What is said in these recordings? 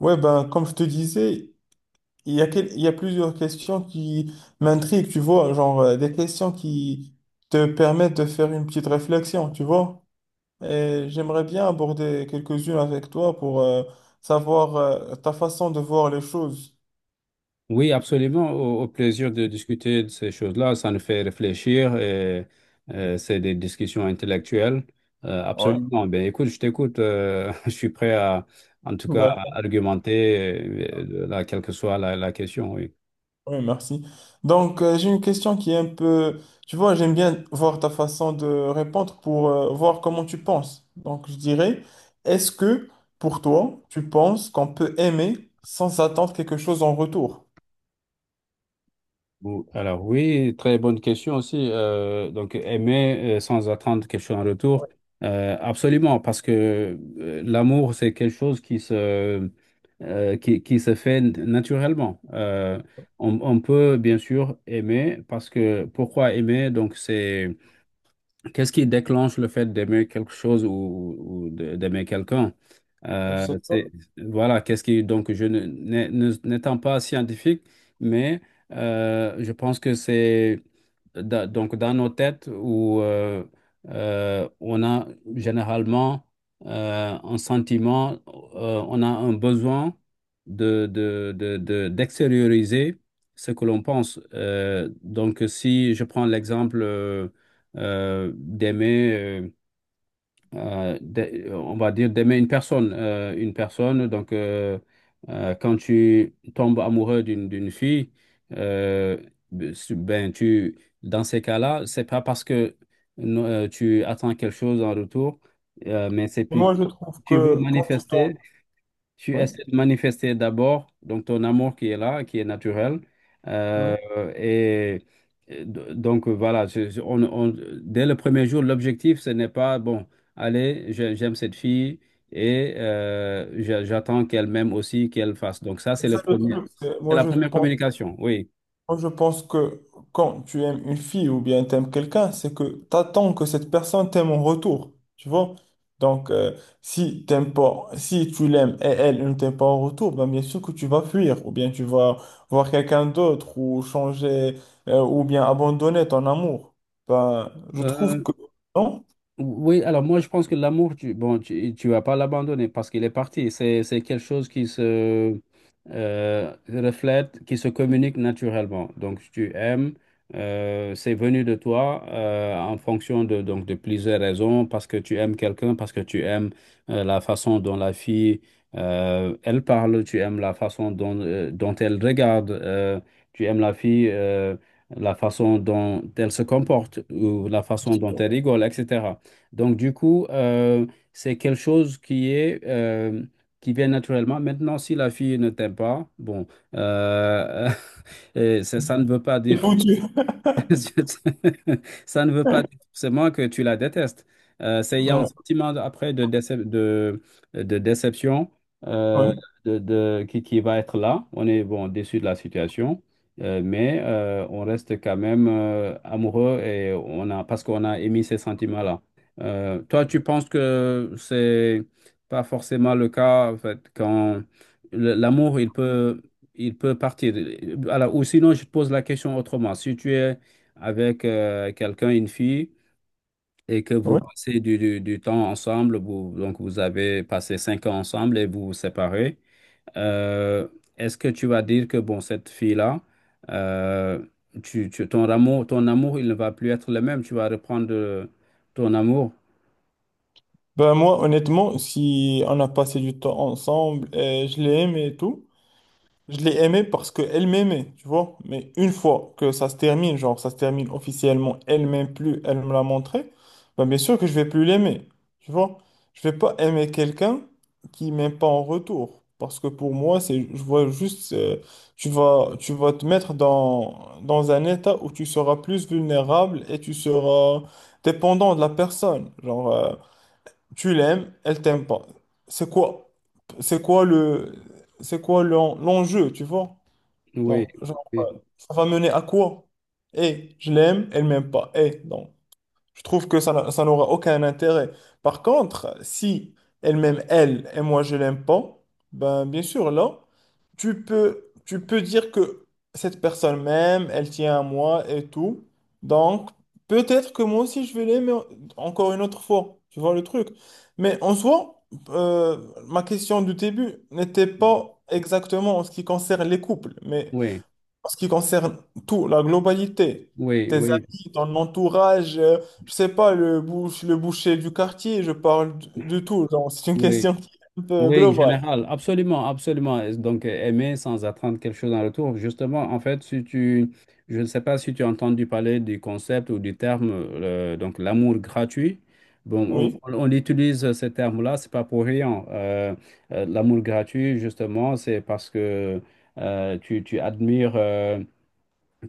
Ouais, ben, comme je te disais, il y a, il y a plusieurs questions qui m'intriguent, tu vois, genre des questions qui te permettent de faire une petite réflexion, tu vois. Et j'aimerais bien aborder quelques-unes avec toi pour savoir ta façon de voir les choses. Oui, absolument. Au plaisir de discuter de ces choses-là, ça nous fait réfléchir et c'est des discussions intellectuelles. Ouais. Absolument. Ben, écoute, je t'écoute. Je suis prêt à, en tout cas, à Ben, argumenter, là, quelle que soit la question. Oui. oui, merci. Donc, j'ai une question qui est un peu, tu vois, j'aime bien voir ta façon de répondre pour voir comment tu penses. Donc, je dirais, est-ce que pour toi, tu penses qu'on peut aimer sans attendre quelque chose en retour? Bon, alors oui, très bonne question aussi. Donc aimer sans attendre quelque chose en retour, absolument, parce que l'amour c'est quelque chose qui se qui se fait naturellement. On peut bien sûr aimer parce que pourquoi aimer? Donc c'est qu'est-ce qui déclenche le fait d'aimer quelque chose ou, d'aimer quelqu'un? Je sais Euh, pas. c'est- voilà, qu'est-ce qui, donc, je ne- n'ai- ne- n'étant pas scientifique, mais je pense que c'est donc dans nos têtes où on a généralement un sentiment, on a un besoin d'extérioriser ce que l'on pense. Donc, si je prends l'exemple. D'aimer, euh, d'a- on va dire, d'aimer une personne. Une personne, donc, quand tu tombes amoureux d'une fille, euh, ben, tu, dans ces cas-là, c'est pas parce que no, tu attends quelque chose en retour, mais c'est Mais plus, moi, je trouve tu veux que quand tu t'en... manifester. Tu Oui, essaies de manifester d'abord donc ton amour qui est là, qui est naturel. Euh, oui. et donc voilà, dès le premier jour, l'objectif, ce n'est pas, bon, allez, j'aime cette fille et j'attends qu'elle m'aime aussi, qu'elle fasse. Donc ça, c'est C'est ça le le premier, truc. c'est- c'est Moi, la je première pense communication, oui. Moi, je pense que quand tu aimes une fille ou bien t'aimes quelqu'un, c'est que t'attends que cette personne t'aime en retour, tu vois? Donc, si t'aimes pas, si tu l'aimes et elle ne t'aime pas en retour, ben bien sûr que tu vas fuir, ou bien tu vas voir quelqu'un d'autre, ou changer, ou bien abandonner ton amour. Ben, je trouve que non, Oui, alors moi je pense que l'amour, tu, bon, tu vas pas l'abandonner parce qu'il est parti. C'est quelque chose qui se reflète, qui se communique naturellement. Donc tu aimes, c'est venu de toi en fonction de, donc, de plusieurs raisons, parce que tu aimes quelqu'un, parce que tu aimes la façon dont la fille, elle parle, tu aimes la façon dont, dont elle regarde, tu aimes la fille. La façon dont elle se comporte ou la façon dont elle rigole, etc. Donc, du coup, c'est quelque chose qui est, qui vient naturellement. Maintenant, si la fille ne t'aime pas, bon, euh, et ça ne veut pas c'est dire foutu. ça ne veut pas dire forcément que tu la détestes. C'est, il y a un Ouais, sentiment après de déception euh, ouais, qui va être là. On est bon, déçu de la situation, mais on reste quand même amoureux et on a, parce qu'on a émis ces sentiments-là. Toi, tu penses que c'est pas forcément le cas, en fait, quand l'amour, il peut partir. Alors, ou sinon, je te pose la question autrement. Si tu es avec quelqu'un, une fille, et que vous ouais. passez du temps ensemble, vous, donc vous avez passé 5 ans ensemble et vous vous séparez, euh, est-ce que tu vas dire que, bon, cette fille-là, euh, ton amour, il ne va plus être le même, tu vas reprendre ton amour? Ben moi, honnêtement, si on a passé du temps ensemble, et je l'aime et tout. Je l'ai aimée parce qu'elle m'aimait, tu vois. Mais une fois que ça se termine, genre ça se termine officiellement, elle m'aime plus, elle me l'a montré, ben bien sûr que je vais plus l'aimer, tu vois. Je vais pas aimer quelqu'un qui m'aime pas en retour. Parce que pour moi, c'est, je vois juste, tu vas te mettre dans, dans un état où tu seras plus vulnérable et tu seras dépendant de la personne. Genre, tu l'aimes, elle t'aime pas. C'est quoi, c'est quoi le, l'enjeu, tu vois? Oui, Genre, genre, oui, ça va mener à quoi? Eh, je l'aime, elle m'aime pas. Eh, donc. Je trouve que ça n'aura aucun intérêt. Par contre, si elle m'aime elle et moi je l'aime pas, ben bien sûr là, tu peux dire que cette personne m'aime, elle tient à moi et tout. Donc peut-être que moi aussi je vais l'aimer encore une autre fois. Tu vois le truc. Mais en soi, euh, ma question du début n'était pas exactement en ce qui concerne les couples, mais oui, en ce qui concerne tout, la globalité, oui, tes oui, amis, ton entourage, je sais pas, le boucher du quartier, je parle de tout. Donc, c'est une oui. question qui est un peu Oui, globale. général, absolument, absolument. Et donc, aimer sans attendre quelque chose en retour. Justement, en fait, si tu, je ne sais pas si tu as entendu parler du concept ou du terme, donc l'amour gratuit. Bon, Oui, on utilise ce terme-là, c'est pas pour rien. L'amour gratuit, justement, c'est parce que tu, tu admires.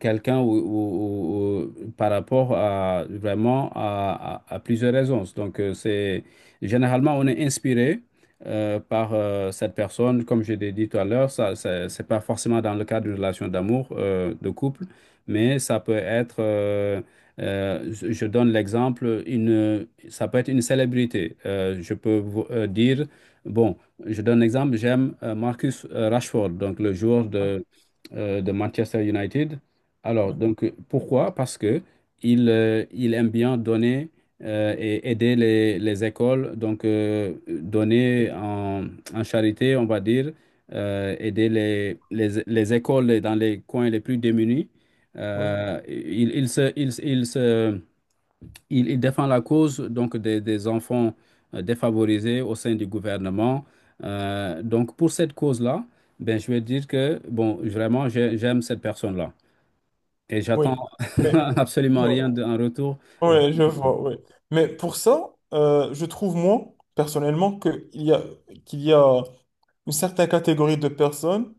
Quelqu'un ou par rapport à vraiment à plusieurs raisons. Donc, c'est généralement on est inspiré par cette personne, comme je l'ai dit tout à l'heure, c'est pas forcément dans le cadre d'une relation d'amour, de couple, mais ça peut être, je donne l'exemple, une, ça peut être une célébrité. Je peux vous dire, bon, je donne l'exemple, j'aime Marcus Rashford, donc le joueur ah, de Manchester United. Alors, oui, donc, pourquoi? Parce que il aime bien donner et aider les écoles, donc donner en, en charité, on va dire, aider les écoles dans les coins les plus démunis. oui, Il se, il, se- il se- il défend la cause donc des enfants défavorisés au sein du gouvernement. Donc, pour cette cause-là, ben, je vais dire que, bon, vraiment, j'aime cette personne-là. Et oui. j'attends Mais, absolument ouais, rien en retour. ouais, je vois, oui. Mais pour ça, je trouve, moi, personnellement, que il y a, qu'il y a une certaine catégorie de personnes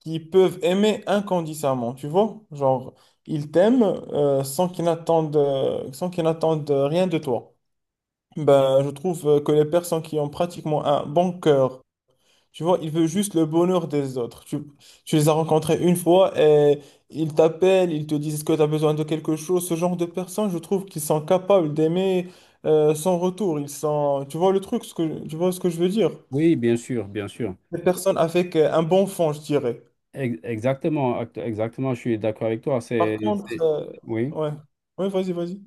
qui peuvent aimer inconditionnellement, tu vois? Genre, ils t'aiment sans qu'ils n'attendent rien de toi. Ben, je trouve que les personnes qui ont pratiquement un bon cœur, tu vois, ils veulent juste le bonheur des autres. Tu les as rencontrés une fois et ils t'appellent, ils te disent que tu as besoin de quelque chose. Ce genre de personnes, je trouve qu'ils sont capables d'aimer sans retour. Ils sont, tu vois le truc, ce que, tu vois ce que je veux dire? Oui, bien sûr, bien sûr. Des personnes avec un bon fond, je dirais. Exactement, exactement, je suis d'accord avec toi. Par contre, c'est- Oui. ouais, ouais, vas-y, vas-y.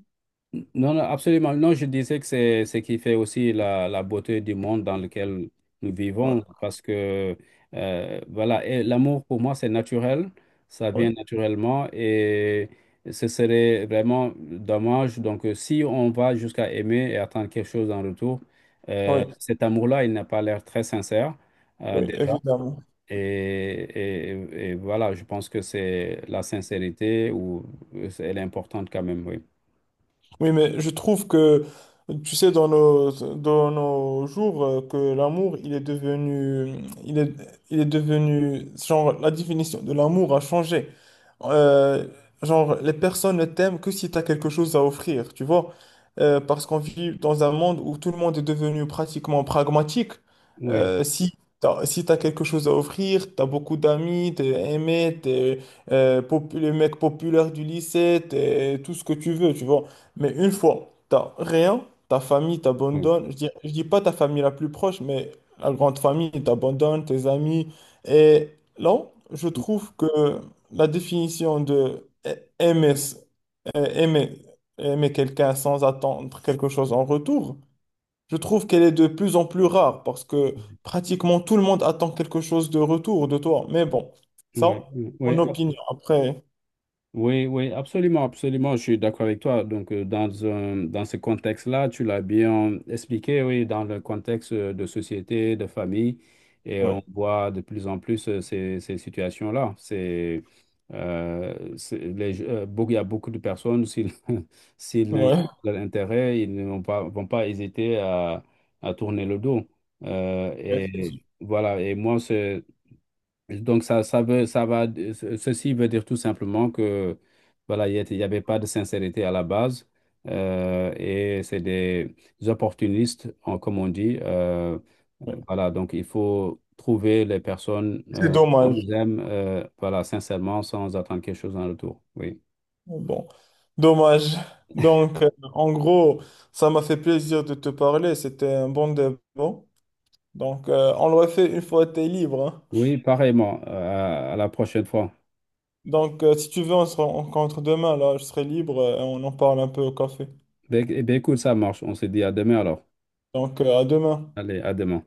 Non, non, absolument. Non, je disais que c'est ce qui fait aussi la beauté du monde dans lequel nous Ouais, vivons, parce que voilà, et l'amour pour moi, c'est naturel, ça oui, vient naturellement, et ce serait vraiment dommage. Donc, si on va jusqu'à aimer et attendre quelque chose en retour, oui, cet amour-là, il n'a pas l'air très sincère oui, déjà. évidemment. Et voilà, je pense que c'est la sincérité ou elle est importante quand même, oui. Oui, mais je trouve que, tu sais, dans nos jours, que l'amour, il est devenu, genre, la définition de l'amour a changé. Euh, genre, les personnes ne t'aiment que si tu as quelque chose à offrir, tu vois. Parce qu'on vit dans un monde où tout le monde est devenu pratiquement pragmatique. Oui. Si t'as, si t'as quelque chose à offrir, t'as beaucoup d'amis, t'es aimé, t'es le mec populaire du lycée, t'es tout ce que tu veux, tu vois. Mais une fois, t'as rien, ta famille Oui. t'abandonne. Je dis pas ta famille la plus proche, mais la grande famille t'abandonne, tes amis. Et là, je trouve que la définition de a- aimer, euh, aimer, aimer quelqu'un sans attendre quelque chose en retour, je trouve qu'elle est de plus en plus rare parce que pratiquement tout le monde attend quelque chose de retour de toi. Mais bon, Ouais, ça, mon ouais, ab- opinion. Après, ouais, absolument, absolument, je suis d'accord avec toi. Donc, dans ce contexte-là, tu l'as bien expliqué, oui, dans le contexte de société, de famille, et on ouais, voit de plus en plus ces situations-là. Il y a beaucoup de personnes, s'ils s'ils n'y a ouais, pas d'intérêt, ils ne vont pas, vont pas hésiter à tourner le dos. Ouais, c'est Et voilà, et moi, c'est. Donc ça veut, ça va, ce- ceci veut dire tout simplement que voilà, il y avait pas de sincérité à la base et c'est des opportunistes, comme on dit. Ouais. Voilà, donc il faut trouver les personnes C'est qui dommage. nous aiment, voilà, sincèrement, sans attendre quelque chose en retour. Oui, Bon, dommage. Donc, en gros, ça m'a fait plaisir de te parler. C'était un bon débat. Donc, on le refait une fois que t'es libre, hein. oui, pareillement. À, à la prochaine fois. Donc, si tu veux, on se rencontre demain. Là, je serai libre et on en parle un peu au café. Ben, eh ben, écoute, ça marche. On se dit à demain alors. Donc, à demain. Allez, à demain.